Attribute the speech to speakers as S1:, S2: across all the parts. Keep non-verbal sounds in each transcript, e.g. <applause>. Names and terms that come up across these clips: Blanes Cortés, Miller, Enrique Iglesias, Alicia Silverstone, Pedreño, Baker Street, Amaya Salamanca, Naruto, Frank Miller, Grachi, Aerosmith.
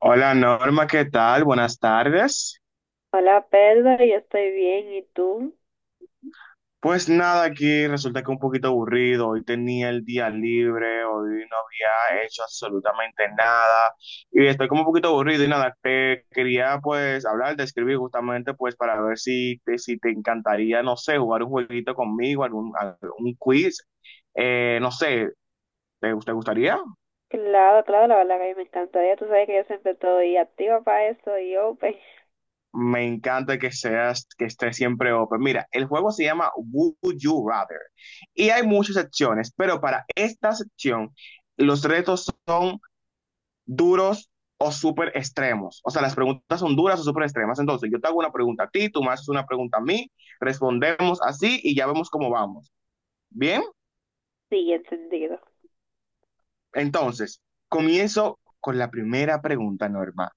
S1: Hola Norma, ¿qué tal? Buenas tardes.
S2: Hola Pedro, yo estoy bien, ¿y tú?
S1: Pues nada, aquí resulta que un poquito aburrido. Hoy tenía el día libre, hoy no había hecho absolutamente nada y estoy como un poquito aburrido y nada, te quería pues hablar, de escribir justamente pues para ver si te encantaría, no sé, jugar un jueguito conmigo, algún quiz. No sé, ¿te gustaría?
S2: Claro, claro, la verdad que a mí me encantaría, tú sabes que yo siempre estoy activa para eso y open,
S1: Me encanta que seas, que estés siempre open. Mira, el juego se llama Would You Rather y hay muchas secciones, pero para esta sección los retos son duros o súper extremos. O sea, las preguntas son duras o súper extremas. Entonces, yo te hago una pregunta a ti, tú me haces una pregunta a mí, respondemos así y ya vemos cómo vamos. Bien,
S2: sí, encendido.
S1: entonces, comienzo con la primera pregunta, Norma.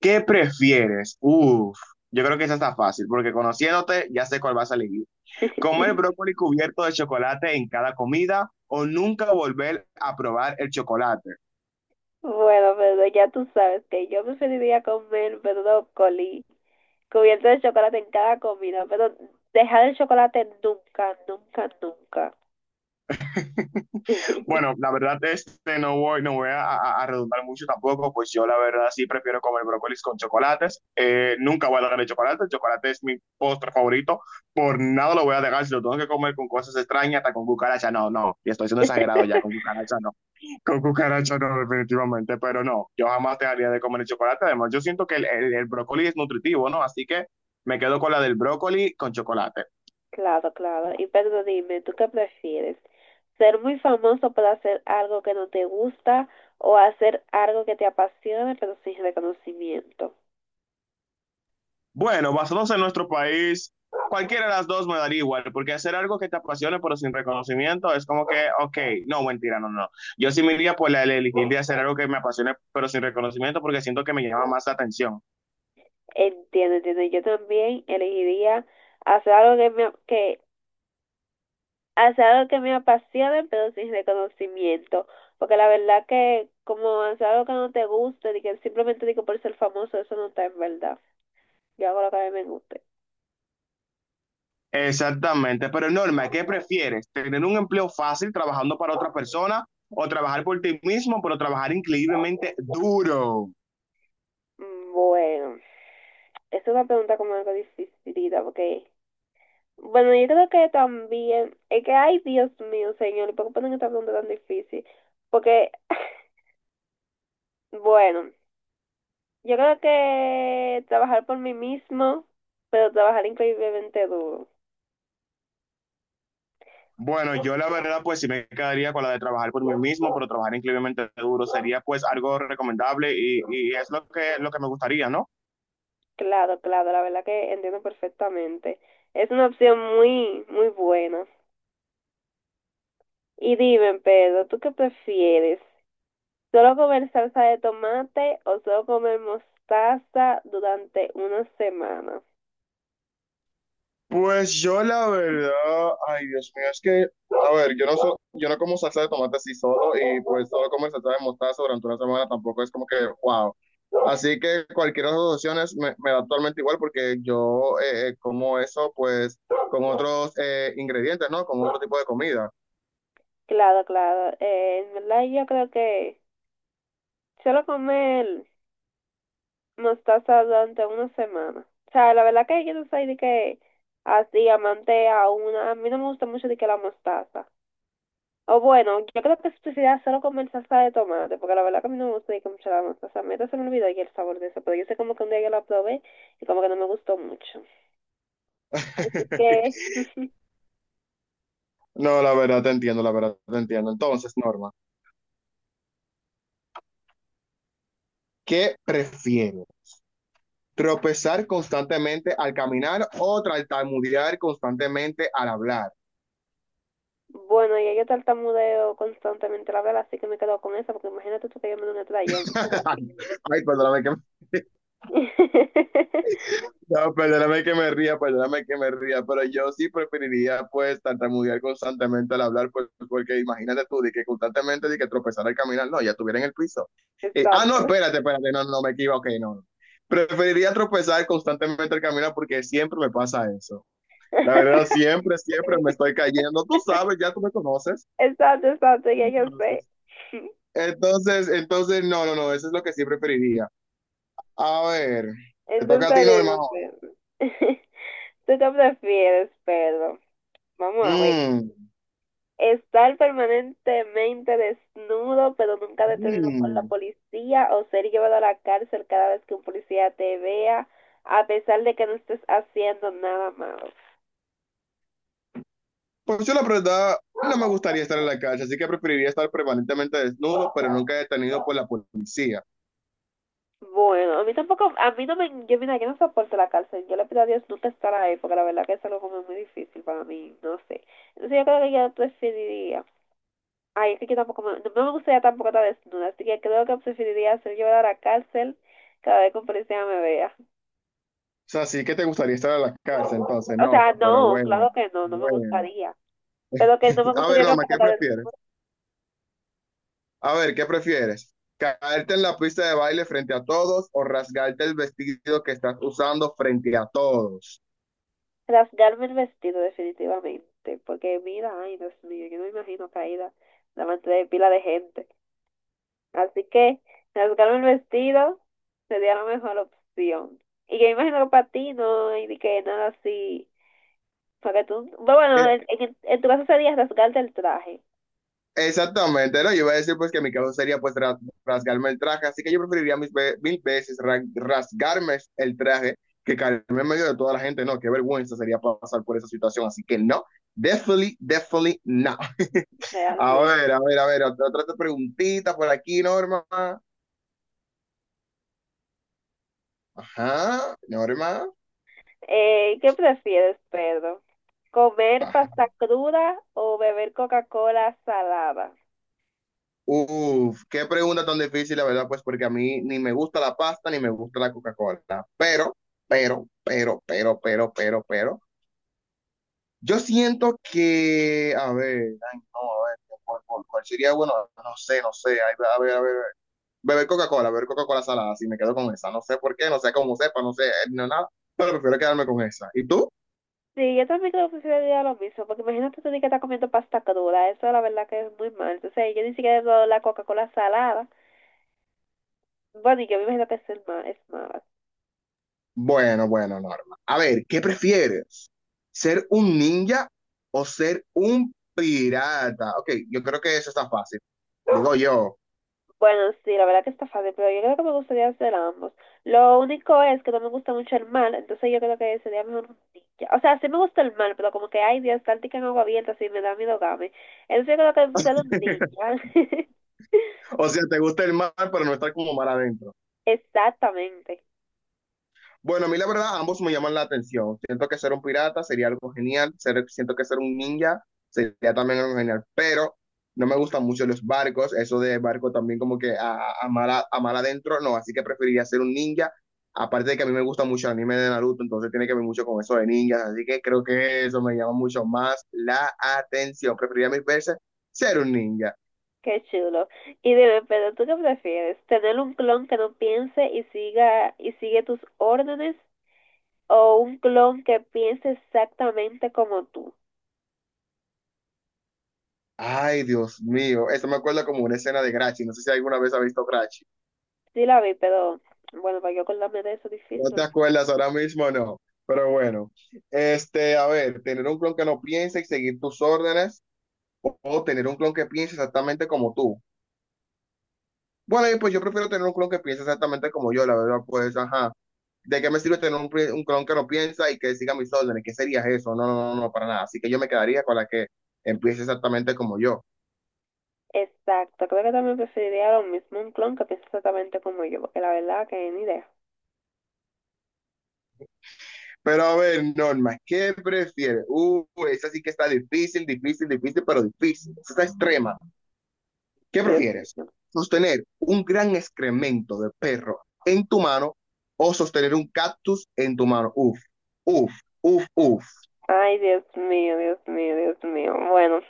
S1: ¿Qué prefieres? Uf, yo creo que esa está fácil, porque conociéndote ya sé cuál vas a elegir. Comer
S2: <laughs>
S1: brócoli cubierto de chocolate en cada comida o nunca volver a probar el chocolate.
S2: Bueno, Pedro, ya tú sabes que yo preferiría comer brócoli cubierto de chocolate en cada comida, pero dejar el chocolate nunca, nunca, nunca. <laughs>
S1: Bueno, la verdad, este, no voy, no voy a redundar mucho tampoco, pues yo la verdad sí prefiero comer brócolis con chocolates. Nunca voy a dejar el chocolate es mi postre favorito, por nada lo voy a dejar. Si lo tengo que comer con cosas extrañas, hasta con cucaracha, no, no, y estoy siendo exagerado ya, con cucaracha no. Con cucaracha no, definitivamente, pero no, yo jamás dejaría de comer el chocolate. Además, yo siento que el brócoli es nutritivo, ¿no? Así que me quedo con la del brócoli con chocolate.
S2: Claro, claro. Y Pedro, dime, ¿tú qué prefieres? ¿Ser muy famoso por hacer algo que no te gusta o hacer algo que te apasione pero sin reconocimiento?
S1: Bueno, basados en nuestro país, cualquiera de las dos me daría igual, porque hacer algo que te apasione pero sin reconocimiento es como que, ok, no, mentira, no, no. Yo sí me iría por la de elegir de hacer algo que me apasione pero sin reconocimiento porque siento que me llama más la atención.
S2: Entiendo, entiendo. Yo también elegiría hacer algo que me, que, hacer algo que me apasione, pero sin reconocimiento. Porque la verdad que como hacer algo que no te guste, de que simplemente digo por ser famoso, eso no está en verdad. Yo hago lo que a mí me guste.
S1: Exactamente, pero Norma, ¿qué prefieres? ¿Tener un empleo fácil trabajando para otra persona o trabajar por ti mismo, pero trabajar increíblemente duro?
S2: Mm, bueno, es una pregunta como algo dificilita, porque, bueno, yo creo que también, es que, ay, Dios mío, señor, ¿por qué ponen esta pregunta tan difícil? Porque, <laughs> bueno, yo creo que trabajar por mí mismo, pero trabajar increíblemente duro.
S1: Bueno, yo la verdad, pues sí me quedaría con la de trabajar por mí mismo, pero trabajar increíblemente duro sería pues algo recomendable, y es lo que me gustaría, ¿no?
S2: Claro, claro, la verdad que entiendo perfectamente. Es una opción muy, muy buena. Y dime, Pedro, ¿tú qué prefieres? Solo comer salsa de tomate o solo comer mostaza durante una semana.
S1: Pues yo la verdad, ay, Dios mío, es que, a ver, yo no como salsa de tomate así solo, y pues solo comer salsa de mostaza durante una semana tampoco es como que, wow. Así que cualquiera de las dos opciones me da actualmente igual porque yo como eso pues con otros ingredientes, ¿no? Con otro tipo de comida.
S2: Claro, claro. En verdad yo creo que solo comer mostaza durante una semana. O sea, la verdad que yo no soy de que así amante a una. A mí no me gusta mucho de que la mostaza. O bueno, yo creo que especialidad solo comer salsa de tomate, porque la verdad que a mí no me gusta de que mucho la mostaza. A mí hasta se me olvidó ya el sabor de eso, pero yo sé como que un día yo la probé y como que no me gustó mucho. Así que...
S1: <laughs>
S2: <laughs>
S1: No, la verdad te entiendo, la verdad te entiendo. Entonces, Norma, ¿qué prefieres? ¿Tropezar constantemente al caminar o tartamudear constantemente al hablar?
S2: Bueno, y yo tartamudeo constantemente la vela, así que me quedo con esa, porque imagínate tú que yo me doy una trayón.
S1: Ay, perdóname que,
S2: <laughs>
S1: no, perdóname que me ría, perdóname que me ría, pero yo sí preferiría pues tartamudear constantemente al hablar, pues, porque imagínate tú, de que constantemente de que tropezar al caminar, no, ya estuviera en el piso. Ah, no,
S2: Exacto.
S1: espérate, espérate, no, no me equivoqué, no. Preferiría tropezar constantemente al caminar porque siempre me pasa eso. La verdad,
S2: <laughs>
S1: siempre, siempre me estoy cayendo. Tú sabes, ya tú me conoces.
S2: Exacto, exacto,
S1: Tú
S2: ya
S1: me
S2: yo sé.
S1: conoces. Entonces, no, no, no, eso es lo que sí preferiría. A ver, te
S2: Entonces,
S1: toca a ti, normal.
S2: dime, ¿tú te prefieres, Pedro? Vamos a ver.
S1: Mm,
S2: Estar permanentemente desnudo, pero nunca detenido por la
S1: mm.
S2: policía, o ser llevado a la cárcel cada vez que un policía te vea, a pesar de que no estés haciendo nada malo.
S1: Pues yo la verdad no me gustaría estar en la calle, así que preferiría estar permanentemente desnudo, pero nunca detenido por la policía.
S2: Bueno, a mí tampoco, a mí no me, yo mira, yo no soporto la cárcel, yo le pido a Dios nunca estar ahí, porque la verdad que es algo como muy difícil para mí, no sé. Entonces yo creo que yo preferiría, ay, es que yo tampoco, no me gustaría tampoco estar desnuda, así que creo que preferiría ser llevada a la cárcel cada vez que un policía me vea.
S1: O sea, sí que te gustaría estar en la cárcel, entonces
S2: O
S1: no,
S2: sea,
S1: pero
S2: no,
S1: bueno,
S2: claro que no, no me
S1: bueno.
S2: gustaría, pero que no me
S1: A ver,
S2: gustaría
S1: Norma,
S2: tampoco
S1: ¿qué
S2: estar desnuda,
S1: prefieres? A ver, ¿qué prefieres? ¿Caerte en la pista de baile frente a todos o rasgarte el vestido que estás usando frente a todos?
S2: rasgarme el vestido definitivamente, porque mira, ay, Dios mío, yo no me imagino caída delante de pila de gente. Así que resultaron el vestido sería la mejor opción. Y yo imagino que para ti no hay ni que nada así. Para que tú, bueno, en tu caso sería rasgarte el traje,
S1: Exactamente, ¿no? Yo iba a decir pues que mi caso sería pues rasgarme el traje, así que yo preferiría mis mil veces rasgarme el traje, que caerme en medio de toda la gente. No, qué vergüenza sería pasar por esa situación, así que no, definitely, definitely no. A ver,
S2: realmente.
S1: a ver, a ver, otra preguntita por aquí, Norma. Ajá, Norma.
S2: ¿qué prefieres, Pedro? ¿Comer
S1: Ajá.
S2: pasta cruda o beber Coca-Cola salada?
S1: Uf, qué pregunta tan difícil, la verdad, pues porque a mí ni me gusta la pasta ni me gusta la Coca-Cola, pero, pero. Yo siento que, a ver, ay, no, a ver, ¿cuál sería? Bueno, no sé, no sé, ay, a ver, beber Coca-Cola salada, si me quedo con esa, no sé por qué, no sé cómo sepa, no sé, no, nada, pero prefiero quedarme con esa. ¿Y tú?
S2: Sí, yo también creo que sería lo mismo, porque imagínate tú di que estás comiendo pasta cruda, eso la verdad que es muy mal. Entonces, yo ni siquiera he probado la Coca-Cola salada. Bueno, y yo me imagino que es, es mala.
S1: Bueno, bueno, Norma. A ver, ¿qué prefieres? ¿Ser un ninja o ser un pirata? Ok, yo creo que eso está fácil, digo yo.
S2: Bueno, sí, la verdad que está fácil, pero yo creo que me gustaría hacer ambos. Lo único es que no me gusta mucho el mal, entonces yo creo que sería mejor un ninja. O sea, sí me gusta el mal, pero como que hay Dios, táctica en agua abierta, así me da miedo game. Entonces yo creo que ser un
S1: <laughs>
S2: ninja.
S1: O sea, te gusta el mar, pero no estar como mar adentro.
S2: <laughs> Exactamente.
S1: Bueno, a mí la verdad, ambos me llaman la atención. Siento que ser un pirata sería algo genial. Ser- siento que ser un ninja sería también algo genial. Pero no me gustan mucho los barcos. Eso de barco también como que a mar adentro, no. Así que preferiría ser un ninja. Aparte de que a mí me gusta mucho el anime de Naruto, entonces tiene que ver mucho con eso de ninjas. Así que creo que eso me llama mucho más la atención. Preferiría mil veces ser un ninja.
S2: Qué chulo. Y dime, pero ¿tú qué prefieres? ¿Tener un clon que no piense y siga y sigue tus órdenes o un clon que piense exactamente como tú?
S1: Ay, Dios mío. Eso me acuerda como una escena de Grachi. No sé si alguna vez ha visto Grachi.
S2: Sí la vi, pero bueno, para yo acordarme de eso es
S1: No
S2: difícil.
S1: te acuerdas ahora mismo, no. Pero bueno, este, a ver, tener un clon que no piense y seguir tus órdenes, o tener un clon que piense exactamente como tú. Bueno, y pues yo prefiero tener un clon que piense exactamente como yo, la verdad, pues, ajá. ¿De qué me sirve tener un clon que no piensa y que siga mis órdenes? ¿Qué sería eso? No, no, no, no, para nada. Así que yo me quedaría con la que empiece exactamente como yo.
S2: Exacto, creo que también preferiría lo mismo un clon que piense exactamente como yo, porque la verdad que ni idea.
S1: Pero a ver, Norma, ¿qué prefieres? Esa sí que está difícil, difícil, difícil, pero difícil. Esa está extrema. ¿Qué
S2: Dios
S1: prefieres?
S2: mío.
S1: ¿Sostener un gran excremento de perro en tu mano o sostener un cactus en tu mano? Uf, uf, uf, uf.
S2: Ay, Dios mío, Dios mío, Dios mío. Bueno,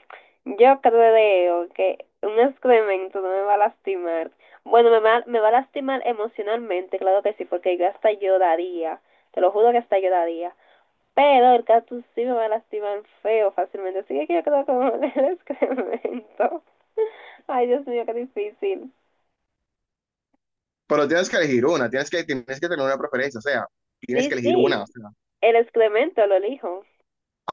S2: yo creo que un excremento no me va a lastimar. Bueno, me va a lastimar emocionalmente, claro que sí, porque yo hasta lloraría. Te lo juro que hasta lloraría. Pero el cactus sí me va a lastimar feo fácilmente, así que yo creo que me va a dar el <laughs> excremento. Ay, Dios mío, qué difícil.
S1: Pero tienes que elegir una, tienes que tener una preferencia, o sea, tienes que
S2: Sí,
S1: elegir una.
S2: sí,
S1: O sea,
S2: el excremento lo elijo.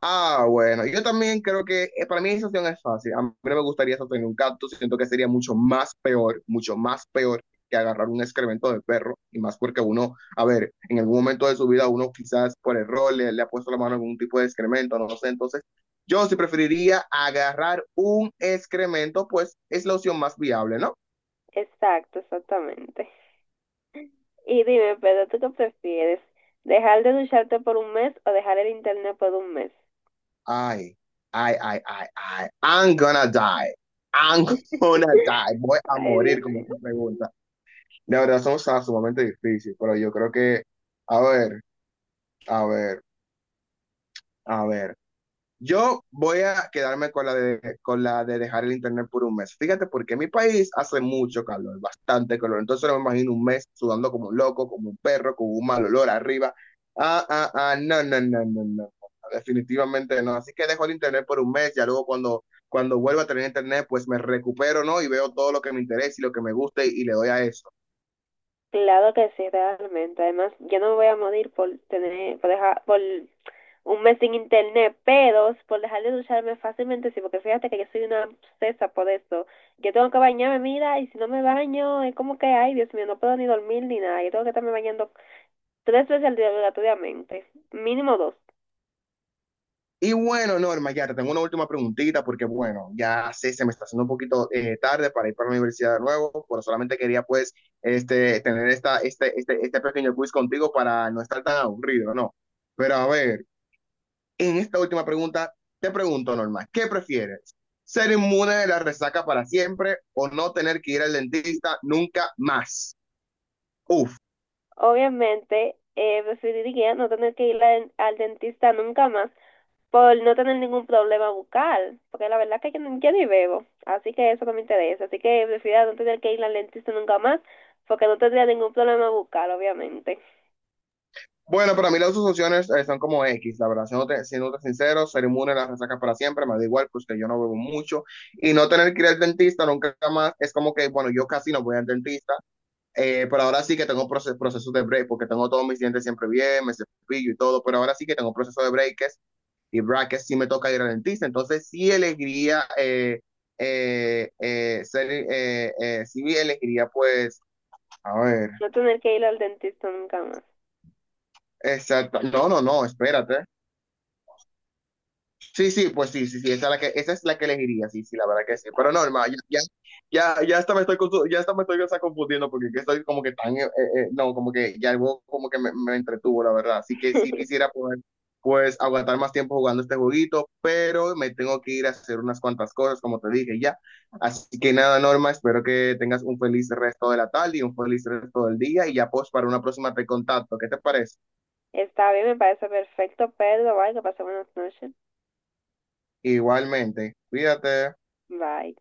S1: ah, bueno, yo también creo que, para mí esa opción es fácil. A mí no me gustaría sostener un gato, siento que sería mucho más peor que agarrar un excremento de perro, y más porque uno, a ver, en algún momento de su vida uno quizás por error le ha puesto la mano en algún tipo de excremento, no sé, entonces yo sí preferiría agarrar un excremento, pues es la opción más viable, ¿no?
S2: Exacto, exactamente. Y dime, Pedro, ¿tú qué prefieres? ¿Dejar de ducharte por un mes o dejar el internet por un mes?
S1: Ay, ay, ay, ay, ay, I'm gonna die, voy a
S2: Ay,
S1: morir
S2: Dios
S1: con
S2: mío.
S1: esta pregunta. La verdad son, o sumamente difíciles, pero yo creo que, a ver, a ver, a ver. Yo voy a quedarme con la de, dejar el internet por un mes. Fíjate, porque en mi país hace mucho calor, bastante calor. Entonces no me imagino un mes sudando como un loco, como un perro, con un mal olor arriba. Ah, ah, ah, no, no, no, no, no, no, definitivamente no. Así que dejo el internet por un mes, ya luego cuando vuelva a tener internet, pues me recupero, ¿no? Y veo todo lo que me interesa y lo que me guste y le doy a eso.
S2: Claro que sí, realmente. Además, yo no me voy a morir por tener, por dejar, por un mes sin internet, pero por dejar de ducharme fácilmente, sí, porque fíjate que yo soy una obsesa por eso. Yo tengo que bañarme, mira, y si no me baño, es como que, ay, Dios mío, no puedo ni dormir ni nada. Yo tengo que estarme bañando tres veces al día obligatoriamente, mínimo dos.
S1: Y bueno, Norma, ya te tengo una última preguntita porque, bueno, ya sé, se me está haciendo un poquito tarde para ir para la universidad de nuevo, pero solamente quería, pues, este, tener este pequeño quiz contigo para no estar tan aburrido, ¿no? Pero a ver, en esta última pregunta, te pregunto, Norma, ¿qué prefieres? ¿Ser inmune de la resaca para siempre o no tener que ir al dentista nunca más? Uf,
S2: Obviamente, preferiría no tener que ir al dentista nunca más por no tener ningún problema bucal, porque la verdad es que yo, yo ni bebo, así que eso no me interesa, así que prefiero no tener que ir al dentista nunca más, porque no tendría ningún problema bucal, obviamente.
S1: bueno, para mí las dos opciones, son como X, la verdad, siéndote sincero, ser inmune a las resacas para siempre, me da igual, pues que yo no bebo mucho, y no tener que ir al dentista nunca más, es como que, bueno, yo casi no voy al dentista, pero ahora sí que tengo procesos de break, porque tengo todos mis dientes siempre bien, me cepillo y todo, pero ahora sí que tengo proceso de breaks y brackets, sí me toca ir al dentista, entonces sí elegiría, sí elegiría, pues, a ver,
S2: No tener que ir al dentista nunca más.
S1: exacto, no, no, no, espérate. Sí, sí, pues sí, sí, sí, esa es la que elegiría, sí, sí, la verdad que sí. Pero no,
S2: Exacto.
S1: hermano, ya, ya, ya, ya hasta me estoy, confu- ya hasta me estoy hasta confundiendo, porque es que estoy como que tan, no, como que ya algo como que me entretuvo, la verdad. Así que sí
S2: <laughs>
S1: quisiera poder, pues, aguantar más tiempo jugando este jueguito, pero me tengo que ir a hacer unas cuantas cosas, como te dije ya. Así que nada, Norma, espero que tengas un feliz resto de la tarde y un feliz resto del día y ya, pues, para una próxima te contacto. ¿Qué te parece?
S2: Está bien, me parece perfecto, Pedro. Bye, que pase buenas noches.
S1: Igualmente, cuídate.
S2: Bye.